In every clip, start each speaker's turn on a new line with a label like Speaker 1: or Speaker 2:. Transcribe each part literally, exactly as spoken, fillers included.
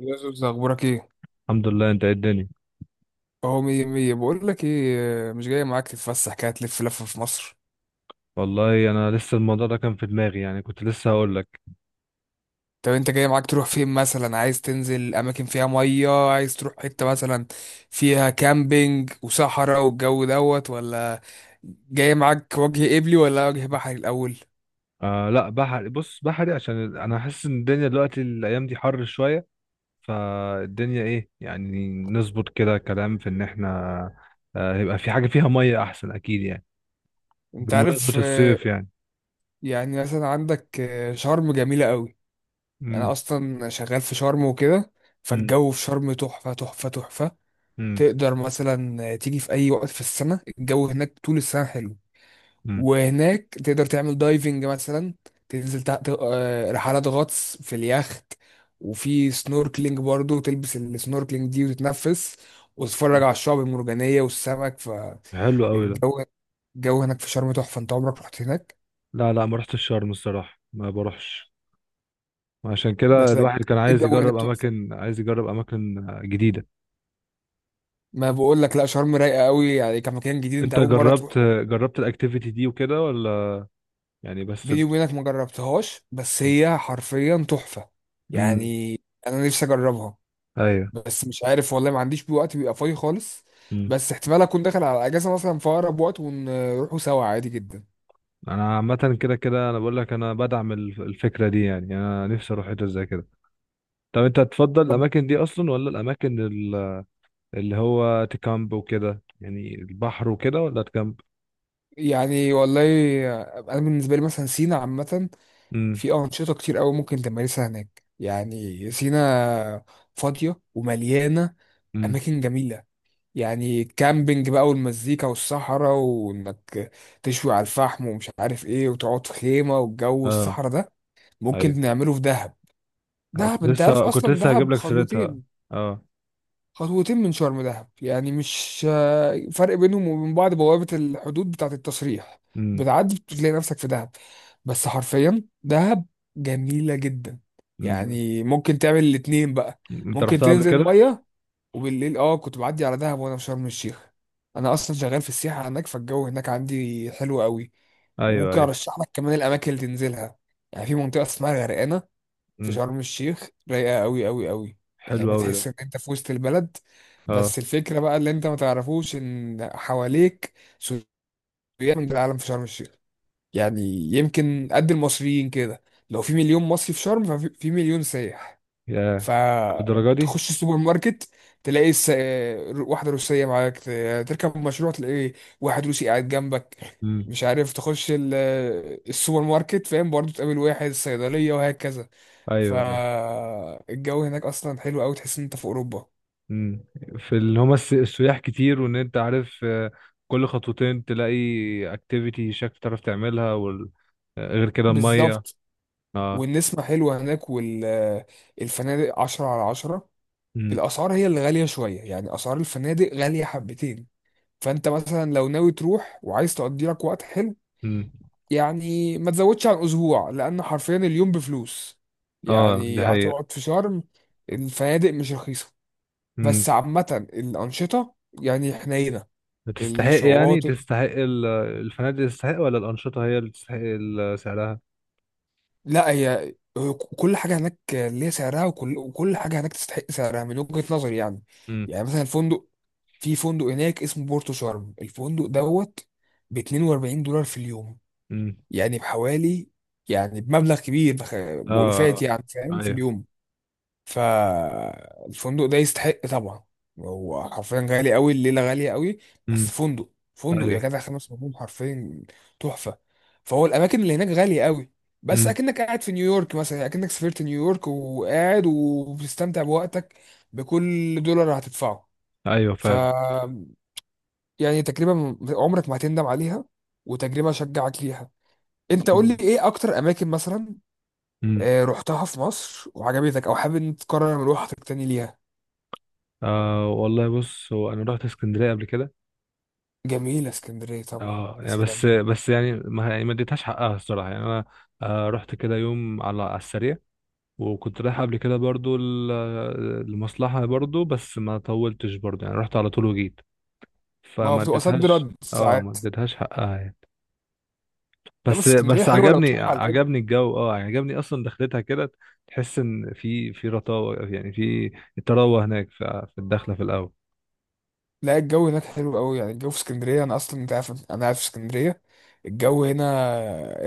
Speaker 1: يوسف، اخبارك ايه؟
Speaker 2: الحمد لله. انت ايه الدنيا؟
Speaker 1: اهو مية مية. بقول لك ايه، مش جاي معاك تتفسح كده، تلف لفه في مصر؟
Speaker 2: والله انا لسه الموضوع ده كان في دماغي، يعني كنت لسه هقول لك.
Speaker 1: طب انت جاي معاك تروح فين مثلا؟ عايز تنزل اماكن فيها ميه؟ عايز تروح حته مثلا فيها كامبينج وصحراء والجو دوت ولا؟ جاي معاك وجه قبلي ولا وجه بحري الاول؟
Speaker 2: آه لا، بحري. بص، بحري عشان ال- انا حاسس ان الدنيا دلوقتي الايام دي حر شويه، فالدنيا ايه يعني. نظبط كده كلام في ان احنا آه يبقى في حاجه فيها ميه احسن، اكيد يعني،
Speaker 1: انت
Speaker 2: بمناسبه
Speaker 1: عارف، آه،
Speaker 2: الصيف يعني.
Speaker 1: يعني مثلا عندك، آه، شرم جميله قوي. انا
Speaker 2: امم.
Speaker 1: اصلا شغال في شرم وكده،
Speaker 2: امم.
Speaker 1: فالجو في شرم تحفه تحفه تحفه.
Speaker 2: امم.
Speaker 1: تقدر مثلا تيجي في اي وقت في السنة، الجو هناك طول السنة حلو.
Speaker 2: امم.
Speaker 1: وهناك تقدر تعمل دايفنج مثلا، تنزل تحت، آه، رحلات غطس في اليخت. وفي سنوركلينج برضو، تلبس السنوركلينج دي وتتنفس وتتفرج على الشعب المرجانية والسمك.
Speaker 2: حلو قوي ده.
Speaker 1: فالجو الجو هناك في شرم تحفة. انت عمرك رحت هناك؟
Speaker 2: لا، لا، ما رحتش شرم الصراحه، ما بروحش. عشان كده
Speaker 1: بس لا،
Speaker 2: الواحد كان عايز
Speaker 1: الجو هناك
Speaker 2: يجرب
Speaker 1: تحفة.
Speaker 2: اماكن، عايز يجرب اماكن آه، جديده.
Speaker 1: ما بقول لك، لا شرم رايقة قوي، يعني كمكان جديد انت
Speaker 2: انت
Speaker 1: اول مرة تروح.
Speaker 2: جربت جربت الاكتيفيتي دي وكده ولا؟ يعني بس ب...
Speaker 1: بيني وبينك ما جربتهاش، بس هي حرفيا تحفة
Speaker 2: امم.
Speaker 1: يعني. انا نفسي اجربها،
Speaker 2: ايوه.
Speaker 1: بس مش عارف والله، ما عنديش بيه وقت بيبقى فاضي خالص.
Speaker 2: امم.
Speaker 1: بس احتمال اكون داخل على اجازة مثلا في اقرب وقت، ونروحوا سوا عادي جدا.
Speaker 2: انا عامه كده كده، انا بقول لك، انا بدعم الف- الفكره دي، يعني يعني انا نفسي اروح حته زي كده. طب انت تفضل
Speaker 1: طب
Speaker 2: الاماكن دي اصلا ولا الاماكن ال- اللي هو تكامب وكده، يعني البحر وكده ولا تكامب؟
Speaker 1: يعني والله، انا بالنسبة لي مثلا سينا عامة،
Speaker 2: امم.
Speaker 1: في انشطة كتير قوي ممكن تمارسها هناك. يعني سينا فاضية ومليانة
Speaker 2: امم.
Speaker 1: اماكن جميلة. يعني كامبينج بقى، والمزيكا والصحراء، وانك تشوي على الفحم ومش عارف ايه، وتقعد في خيمة، والجو
Speaker 2: اه.
Speaker 1: الصحراء ده
Speaker 2: ايوه.
Speaker 1: ممكن نعمله في دهب.
Speaker 2: اه، كنت
Speaker 1: دهب انت عارف
Speaker 2: لسه كنت
Speaker 1: اصلا
Speaker 2: لسه هجيب
Speaker 1: دهب
Speaker 2: لك سيرتها.
Speaker 1: خطوتين،
Speaker 2: اه.
Speaker 1: خطوتين من شرم دهب. يعني مش آه، فرق بينهم وبين بعض، بوابة الحدود بتاعة التصريح
Speaker 2: امم.
Speaker 1: بتعدي بتلاقي نفسك في دهب. بس حرفيا دهب جميلة جدا.
Speaker 2: امم.
Speaker 1: يعني ممكن تعمل الاتنين بقى،
Speaker 2: انت
Speaker 1: ممكن
Speaker 2: رحتها قبل
Speaker 1: تنزل
Speaker 2: كده؟
Speaker 1: مية وبالليل. اه كنت بعدي على دهب وانا في شرم الشيخ. انا اصلا شغال في السياحه هناك، فالجو هناك عندي حلو قوي.
Speaker 2: ايوه،
Speaker 1: وممكن
Speaker 2: ايوه.
Speaker 1: ارشح لك كمان الاماكن اللي تنزلها. يعني في منطقه اسمها الغرقانه في
Speaker 2: امم.
Speaker 1: شرم الشيخ، رايقه قوي قوي قوي.
Speaker 2: حلو
Speaker 1: يعني
Speaker 2: قوي ده.
Speaker 1: بتحس ان انت في وسط البلد،
Speaker 2: اه
Speaker 1: بس الفكره بقى اللي انت ما تعرفوش، ان حواليك سياح من العالم في شرم الشيخ. يعني يمكن قد المصريين كده، لو في مليون مصري في شرم ففي في مليون سايح.
Speaker 2: يا الدرجه دي.
Speaker 1: فتخش السوبر ماركت تلاقي س... واحدة روسية معاك، ت- تركب مشروع تلاقي واحد روسي قاعد جنبك.
Speaker 2: امم.
Speaker 1: مش عارف، تخش ال... السوبر ماركت، فاهم، برضو تقابل واحد صيدلية، وهكذا.
Speaker 2: ايوه، ايوه.
Speaker 1: فالجو هناك أصلا حلو أوي، تحس إن أنت في أوروبا
Speaker 2: امم. في اللي هما الس- السياح كتير، وان انت عارف، آه، كل خطوتين تلاقي اكتيفيتي شكل تعرف تعملها، وال... آه، غير كده الميه.
Speaker 1: بالظبط.
Speaker 2: اه.
Speaker 1: والنسمة حلوة هناك، والفنادق عشرة على عشرة.
Speaker 2: امم.
Speaker 1: الأسعار هي اللي غالية شوية، يعني أسعار الفنادق غالية حبتين. فأنت مثلا لو ناوي تروح وعايز تقضي لك وقت حلو،
Speaker 2: امم.
Speaker 1: يعني ما تزودش عن اسبوع، لان حرفيا اليوم بفلوس.
Speaker 2: اه، دي
Speaker 1: يعني
Speaker 2: حقيقة.
Speaker 1: هتقعد في شرم، الفنادق مش رخيصه.
Speaker 2: امم.
Speaker 1: بس عامه الانشطه يعني حنينه،
Speaker 2: تستحق، يعني
Speaker 1: الشواطئ.
Speaker 2: تستحق ال- الفنادق تستحق، ولا الأنشطة هي اللي تستحق ال- سعرها؟
Speaker 1: لا، هي هو كل حاجه هناك ليها سعرها، وكل وكل حاجه هناك تستحق سعرها من وجهه نظري يعني.
Speaker 2: امم.
Speaker 1: يعني مثلا الفندق، في فندق هناك اسمه بورتو شرم الفندق دوت، ب اتنين واربعين دولار في اليوم.
Speaker 2: امم.
Speaker 1: يعني بحوالي، يعني بمبلغ كبير، بخ-
Speaker 2: اه.
Speaker 1: بألوفات،
Speaker 2: آه.
Speaker 1: يعني فاهم، في
Speaker 2: ايوه.
Speaker 1: اليوم. فالفندق ده يستحق طبعا، هو حرفيا غالي قوي، الليله غاليه قوي.
Speaker 2: امم.
Speaker 1: بس فندق فندق يا
Speaker 2: ايوه.
Speaker 1: جدع، خمس نجوم حرفيا، تحفه. فهو الاماكن اللي هناك غاليه قوي، بس
Speaker 2: امم.
Speaker 1: اكنك قاعد في نيويورك مثلا، اكنك سافرت نيويورك وقاعد وبتستمتع بوقتك بكل دولار هتدفعه.
Speaker 2: ايوه،
Speaker 1: ف
Speaker 2: فعلا.
Speaker 1: يعني تجربه م- عمرك ما هتندم عليها، وتجربه اشجعك ليها. انت قول لي ايه اكتر اماكن مثلا
Speaker 2: امم.
Speaker 1: آه، رحتها في مصر وعجبتك، او حابب إن أنت تكرر مروحتك تاني ليها.
Speaker 2: آه والله بص، هو انا رحت اسكندرية قبل كده.
Speaker 1: جميلة اسكندرية طبعا،
Speaker 2: اه،
Speaker 1: يا
Speaker 2: يعني
Speaker 1: سلام.
Speaker 2: بس بس، يعني ما يعني ما اديتهاش حقها الصراحه، يعني انا آه، رحت كده يوم على على السريع، وكنت رايح قبل كده برضو ال- المصلحه برضو، بس ما طولتش برضو، يعني رحت على طول وجيت،
Speaker 1: ما هو
Speaker 2: فما
Speaker 1: بتبقى صد
Speaker 2: اديتهاش.
Speaker 1: رد
Speaker 2: اه، ما
Speaker 1: ساعات.
Speaker 2: اديتهاش حقها يعني.
Speaker 1: ده
Speaker 2: بس
Speaker 1: بس اسكندرية
Speaker 2: بس
Speaker 1: حلوة لو
Speaker 2: عجبني
Speaker 1: تروح على الهادي.
Speaker 2: عجبني الجو. اه عجبني اصلا دخلتها كده. تحس ان في في رطاوه، يعني في التروه هناك في في الدخله في الاول.
Speaker 1: لا الجو هناك حلو قوي، يعني الجو في اسكندرية، أنا أصلا أنت عارف، أنا عارف اسكندرية. الجو هنا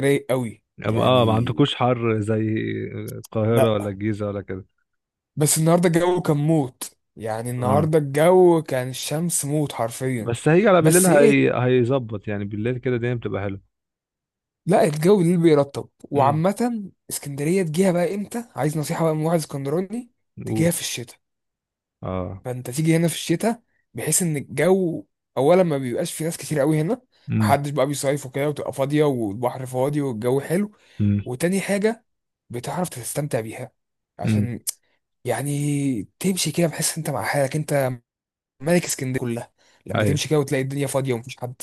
Speaker 1: رايق قوي يعني.
Speaker 2: اه، ما عندكوش حر زي القاهره
Speaker 1: لا،
Speaker 2: ولا الجيزه ولا كده؟
Speaker 1: بس النهاردة الجو كان موت، يعني
Speaker 2: آه.
Speaker 1: النهاردة الجو كان الشمس موت حرفيا.
Speaker 2: بس هيجي على بالليل،
Speaker 1: بس إيه،
Speaker 2: هي... هيظبط يعني، بالليل كده الدنيا بتبقى حلوه.
Speaker 1: لا الجو اللي بيرطب.
Speaker 2: امم.
Speaker 1: وعامة اسكندرية تجيها بقى إمتى؟ عايز نصيحة بقى من واحد اسكندراني؟ تجيها
Speaker 2: قول.
Speaker 1: في الشتاء.
Speaker 2: اه.
Speaker 1: فانت تيجي هنا في الشتاء، بحيث ان الجو، اولا، ما بيبقاش في ناس كتير قوي هنا،
Speaker 2: امم.
Speaker 1: محدش بقى بيصيف وكده، وتبقى فاضيه والبحر فاضي والجو حلو.
Speaker 2: امم.
Speaker 1: وتاني حاجه، بتعرف تستمتع بيها،
Speaker 2: امم.
Speaker 1: عشان يعني تمشي كده بحيث انت مع حالك، انت ملك اسكندريه كلها لما
Speaker 2: ايوه.
Speaker 1: تمشي كده وتلاقي الدنيا فاضيه ومفيش حد.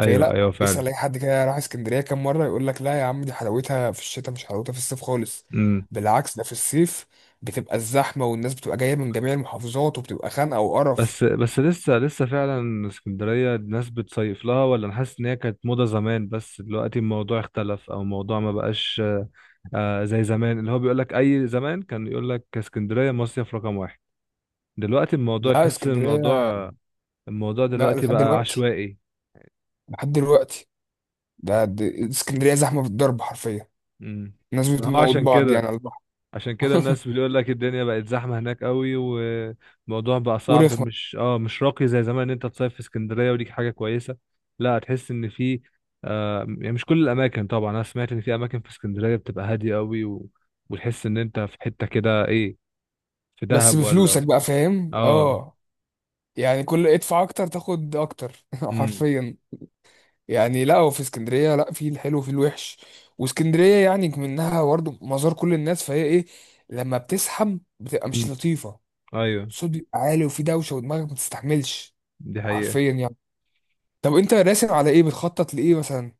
Speaker 1: فهي،
Speaker 2: ايوه
Speaker 1: لا،
Speaker 2: فعلا.
Speaker 1: اسال اي حد كده راح اسكندريه كام مره، يقول لك لا يا عم، دي حلاوتها في الشتاء، مش حلاوتها في الصيف خالص.
Speaker 2: امم.
Speaker 1: بالعكس، ده في الصيف بتبقى الزحمه، والناس بتبقى جايه من جميع المحافظات، وبتبقى خانقه وقرف.
Speaker 2: بس بس لسه لسه فعلا، اسكندريه الناس بتصيف لها، ولا انا حاسس ان هي كانت موضه زمان بس دلوقتي الموضوع اختلف، او الموضوع ما بقاش آه زي زمان، اللي هو بيقول لك اي زمان كان يقول لك اسكندريه مصيف رقم واحد، دلوقتي الموضوع
Speaker 1: لا
Speaker 2: تحس ان
Speaker 1: اسكندرية،
Speaker 2: الموضوع الموضوع
Speaker 1: لا،
Speaker 2: دلوقتي
Speaker 1: لحد
Speaker 2: بقى
Speaker 1: دلوقتي،
Speaker 2: عشوائي.
Speaker 1: لحد دلوقتي، ده ده- اسكندرية زحمة بالضرب حرفيا.
Speaker 2: امم.
Speaker 1: الناس
Speaker 2: ما هو
Speaker 1: بتموت
Speaker 2: عشان
Speaker 1: بعض
Speaker 2: كده
Speaker 1: يعني على البحر.
Speaker 2: عشان كده الناس بتقول لك الدنيا بقت زحمة هناك قوي، والموضوع بقى صعب،
Speaker 1: ورخمة.
Speaker 2: مش، اه، مش راقي زي زمان ان انت تصيف في اسكندرية ودي حاجة كويسة. لا، هتحس ان في آه يعني مش كل الاماكن طبعا. انا سمعت ان في اماكن في اسكندرية بتبقى هادية قوي، و... وتحس ان انت في حتة كده، ايه، في
Speaker 1: بس
Speaker 2: دهب
Speaker 1: بفلوسك
Speaker 2: ولا.
Speaker 1: بقى، فاهم،
Speaker 2: اه.
Speaker 1: اه. يعني كل ادفع اكتر تاخد اكتر
Speaker 2: امم.
Speaker 1: حرفيا يعني. لا، وفي اسكندرية لا، في الحلو وفي الوحش. واسكندرية يعني منها برضه مزار كل الناس، فهي ايه، لما بتزحم بتبقى مش
Speaker 2: أمم.
Speaker 1: لطيفة.
Speaker 2: ايوه،
Speaker 1: الصوت بيبقى عالي، وفي دوشة، ودماغك ما تستحملش،
Speaker 2: دي حقيقة.
Speaker 1: حرفيا يعني. طب انت راسم على ايه؟ بتخطط لايه مثلا؟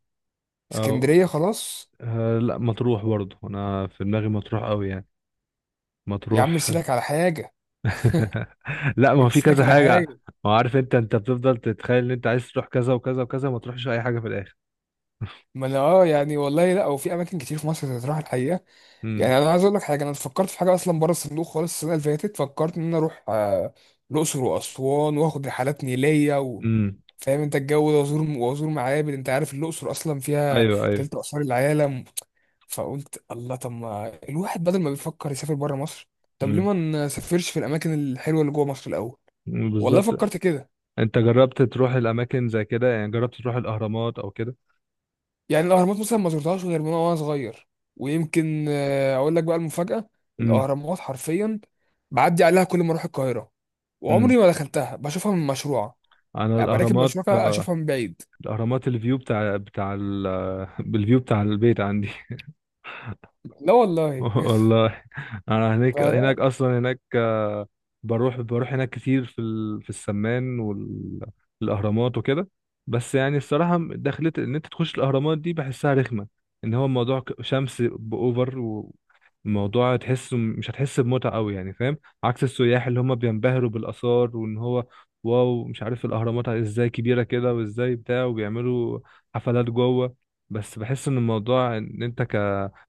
Speaker 2: اه.
Speaker 1: اسكندريه خلاص؟
Speaker 2: آه، لا، مطروح برضه انا في دماغي، مطروح قوي يعني،
Speaker 1: يا عم
Speaker 2: مطروح.
Speaker 1: ارسلك على حاجه،
Speaker 2: لا، ما هو في
Speaker 1: ارسلك
Speaker 2: كذا
Speaker 1: على
Speaker 2: حاجة.
Speaker 1: حاجه.
Speaker 2: ما هو عارف، انت انت بتفضل تتخيل ان انت عايز تروح كذا وكذا وكذا، ما تروحش اي حاجة في الاخر.
Speaker 1: ما انا اه يعني والله، لا وفي اماكن كتير في مصر تتراح الحقيقه.
Speaker 2: امم.
Speaker 1: يعني انا عايز اقول لك حاجه، انا فكرت في حاجه اصلا بره الصندوق خالص. السنه اللي فاتت فكرت ان انا اروح آه، الاقصر واسوان، واخد رحلات نيليه و...
Speaker 2: امم.
Speaker 1: فاهم انت الجو ده، وازور وازور معابد، انت عارف الاقصر اصلا فيها
Speaker 2: ايوه. ايوه.
Speaker 1: تلت اثار العالم. فقلت، الله، طب ما الواحد بدل ما بيفكر يسافر بره مصر، طب ليه
Speaker 2: امم.
Speaker 1: ما نسافرش في الاماكن الحلوه اللي جوه مصر الاول؟
Speaker 2: أمم،
Speaker 1: والله
Speaker 2: بالظبط.
Speaker 1: فكرت كده.
Speaker 2: انت جربت تروح الاماكن زي كده، يعني جربت تروح الاهرامات او كده؟
Speaker 1: يعني الاهرامات مثلا ما زرتهاش غير من وانا صغير، ويمكن آه، اقول لك بقى المفاجاه،
Speaker 2: امم.
Speaker 1: الاهرامات حرفيا بعدي عليها كل ما اروح القاهره،
Speaker 2: امم.
Speaker 1: وعمري ما دخلتها. بشوفها من مشروع
Speaker 2: انا
Speaker 1: يعني، براكب
Speaker 2: الاهرامات،
Speaker 1: مشروع كده
Speaker 2: آه،
Speaker 1: اشوفها من بعيد.
Speaker 2: الاهرامات الفيو بتاع بتاع ال... بالفيو بتاع البيت عندي.
Speaker 1: لا والله
Speaker 2: والله. انا هناك هناك
Speaker 1: فلا.
Speaker 2: اصلا، هناك آه، بروح بروح هناك كتير في ال... في السمان والاهرامات وكده. بس يعني الصراحه، دخلت ان انت تخش الاهرامات دي بحسها رخمه، ان هو الموضوع ك- شمس باوفر، والموضوع تحسه مش هتحس بمتعه قوي يعني، فاهم؟ عكس السياح اللي هم بينبهروا بالاثار، وان هو، واو، مش عارف الاهرامات ازاي كبيره كده، وازاي بتاع، وبيعملوا حفلات جوه. بس بحس ان الموضوع ان انت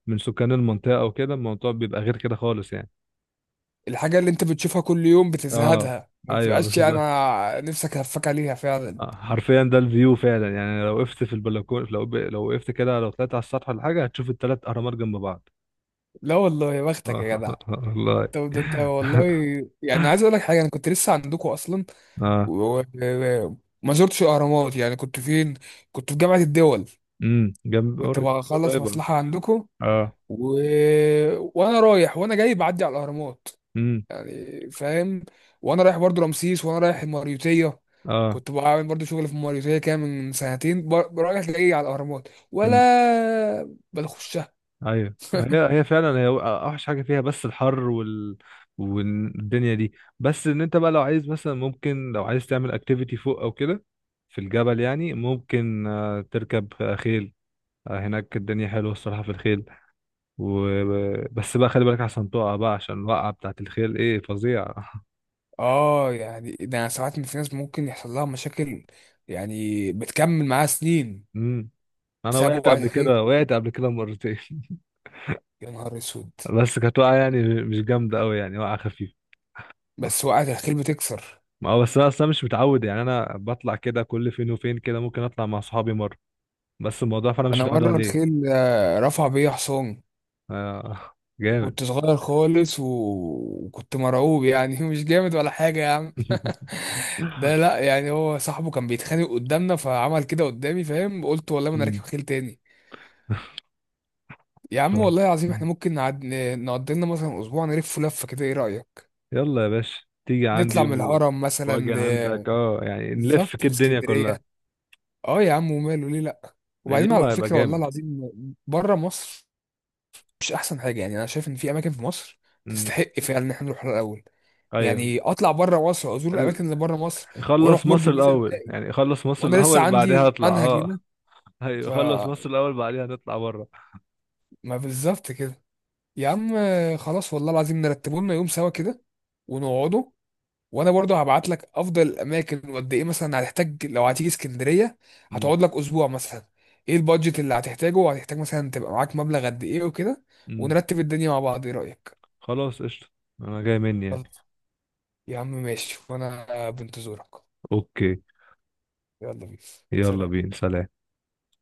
Speaker 2: من سكان المنطقة وكده، الموضوع بيبقى غير كده خالص يعني.
Speaker 1: الحاجه اللي انت بتشوفها كل يوم
Speaker 2: اه.
Speaker 1: بتزهدها، ما
Speaker 2: ايوه،
Speaker 1: بتبقاش
Speaker 2: بس ده
Speaker 1: انا نفسك هفاك عليها فعلا.
Speaker 2: آه، حرفيا ده الفيو فعلا، يعني لو وقفت في البلكونة، لو ب... لو وقفت كده، لو طلعت على السطح ولا حاجة، هتشوف التلات أهرامات جنب بعض.
Speaker 1: لا والله، يا بختك يا جدع.
Speaker 2: آه. والله.
Speaker 1: انت ده انت والله. يعني عايز اقول لك حاجه، انا كنت لسه عندكم اصلا
Speaker 2: اه.
Speaker 1: و- و- وما زرتش الاهرامات. يعني كنت فين؟ كنت في جامعه الدول،
Speaker 2: امم. جنب
Speaker 1: كنت
Speaker 2: قريب-
Speaker 1: بخلص
Speaker 2: قريبة.
Speaker 1: مصلحة عندكم،
Speaker 2: اه.
Speaker 1: و... وانا رايح وانا جاي بعدي على الاهرامات،
Speaker 2: امم.
Speaker 1: يعني فاهم. وانا رايح برضو رمسيس، وانا رايح الماريوتية،
Speaker 2: اه.
Speaker 1: كنت بعمل برضو شغل في الماريوتية كان من سنتين، ب- رايح جاي على الاهرامات ولا
Speaker 2: امم.
Speaker 1: بنخشها.
Speaker 2: ايوه. ما هي هي فعلا، هي اوحش حاجه فيها بس الحر وال والدنيا دي. بس ان انت بقى لو عايز مثلا، ممكن لو عايز تعمل اكتيفيتي فوق او كده، في الجبل يعني، ممكن آه، تركب آه، خيل. آه، هناك الدنيا حلوه الصراحه في الخيل و... بس بقى خلي بالك عشان تقع، بقى عشان الوقعه بتاعت الخيل ايه فظيعه.
Speaker 1: اه يعني ده أنا ساعات في ناس ممكن يحصل لها مشاكل، يعني بتكمل معاها سنين
Speaker 2: امم. انا
Speaker 1: بسبب
Speaker 2: وقعت
Speaker 1: وقعة
Speaker 2: قبل
Speaker 1: الخيل.
Speaker 2: كده، وقعت قبل كده مرتين.
Speaker 1: يا نهار اسود.
Speaker 2: بس كانت وقعه يعني مش جامده قوي، يعني وقعه خفيفه.
Speaker 1: بس وقعة الخيل بتكسر.
Speaker 2: ما هو بس انا اصلا مش متعود، يعني انا بطلع كده كل فين وفين كده، ممكن اطلع مع صحابي مره، بس الموضوع فانا مش
Speaker 1: انا
Speaker 2: متعود
Speaker 1: مرة
Speaker 2: عليه.
Speaker 1: الخيل آه، رفع بيا حصان،
Speaker 2: آه، جامد.
Speaker 1: وكنت صغير خالص و... وكنت مرعوب يعني، مش جامد ولا حاجة يا عم. ده لا، يعني هو صاحبه كان بيتخانق قدامنا فعمل كده قدامي، فاهم، قلت والله ما انا راكب
Speaker 2: أمم.
Speaker 1: خيل تاني. يا
Speaker 2: ف...
Speaker 1: عم والله العظيم، احنا ممكن نعد... نقضي لنا مثلا اسبوع نلف لفة كده، ايه رأيك؟
Speaker 2: يلا يا باشا، تيجي عندي
Speaker 1: نطلع من
Speaker 2: و...
Speaker 1: الهرم مثلا
Speaker 2: واجي
Speaker 1: ل...
Speaker 2: عندك. اه، يعني نلف
Speaker 1: بالظبط
Speaker 2: كده الدنيا
Speaker 1: الاسكندرية.
Speaker 2: كلها.
Speaker 1: اه يا عم، وماله، ليه لا؟ وبعدين
Speaker 2: اليوم
Speaker 1: على
Speaker 2: هيبقى
Speaker 1: فكرة والله
Speaker 2: جامد.
Speaker 1: العظيم، بره مصر مش احسن حاجة. يعني انا شايف ان في اماكن في مصر
Speaker 2: أمم.
Speaker 1: تستحق فعلا ان احنا نروح لها الاول،
Speaker 2: ايوه.
Speaker 1: يعني اطلع بره مصر ازور الاماكن
Speaker 2: ال-
Speaker 1: اللي بره مصر،
Speaker 2: خلص
Speaker 1: واروح برج
Speaker 2: مصر
Speaker 1: بيزا
Speaker 2: الاول،
Speaker 1: الباقي،
Speaker 2: يعني خلص مصر
Speaker 1: وانا لسه
Speaker 2: الاول بعدها
Speaker 1: عندي
Speaker 2: اطلع.
Speaker 1: منهج
Speaker 2: اه،
Speaker 1: هنا. ف
Speaker 2: ايوه، خلص مصر الاول بعدها نطلع بره.
Speaker 1: ما بالظبط كده. يا عم خلاص، والله العظيم نرتبه لنا يوم سوا كده ونقعده. وانا برضه هبعت لك افضل الاماكن، وقد ايه مثلا هتحتاج لو هتيجي اسكندريه،
Speaker 2: أمم.
Speaker 1: هتقعد لك اسبوع مثلا، ايه البادجت اللي هتحتاجه، وهتحتاج مثلا تبقى معاك مبلغ قد ايه وكده،
Speaker 2: أمم.
Speaker 1: ونرتب الدنيا مع بعض. ايه رايك؟
Speaker 2: خلاص قشطه. انا جاي مني يعني.
Speaker 1: خلاص. يا عم ماشي، وانا بنتظرك.
Speaker 2: اوكي.
Speaker 1: يلا بينا،
Speaker 2: يلا
Speaker 1: سلام.
Speaker 2: بينا. سلام.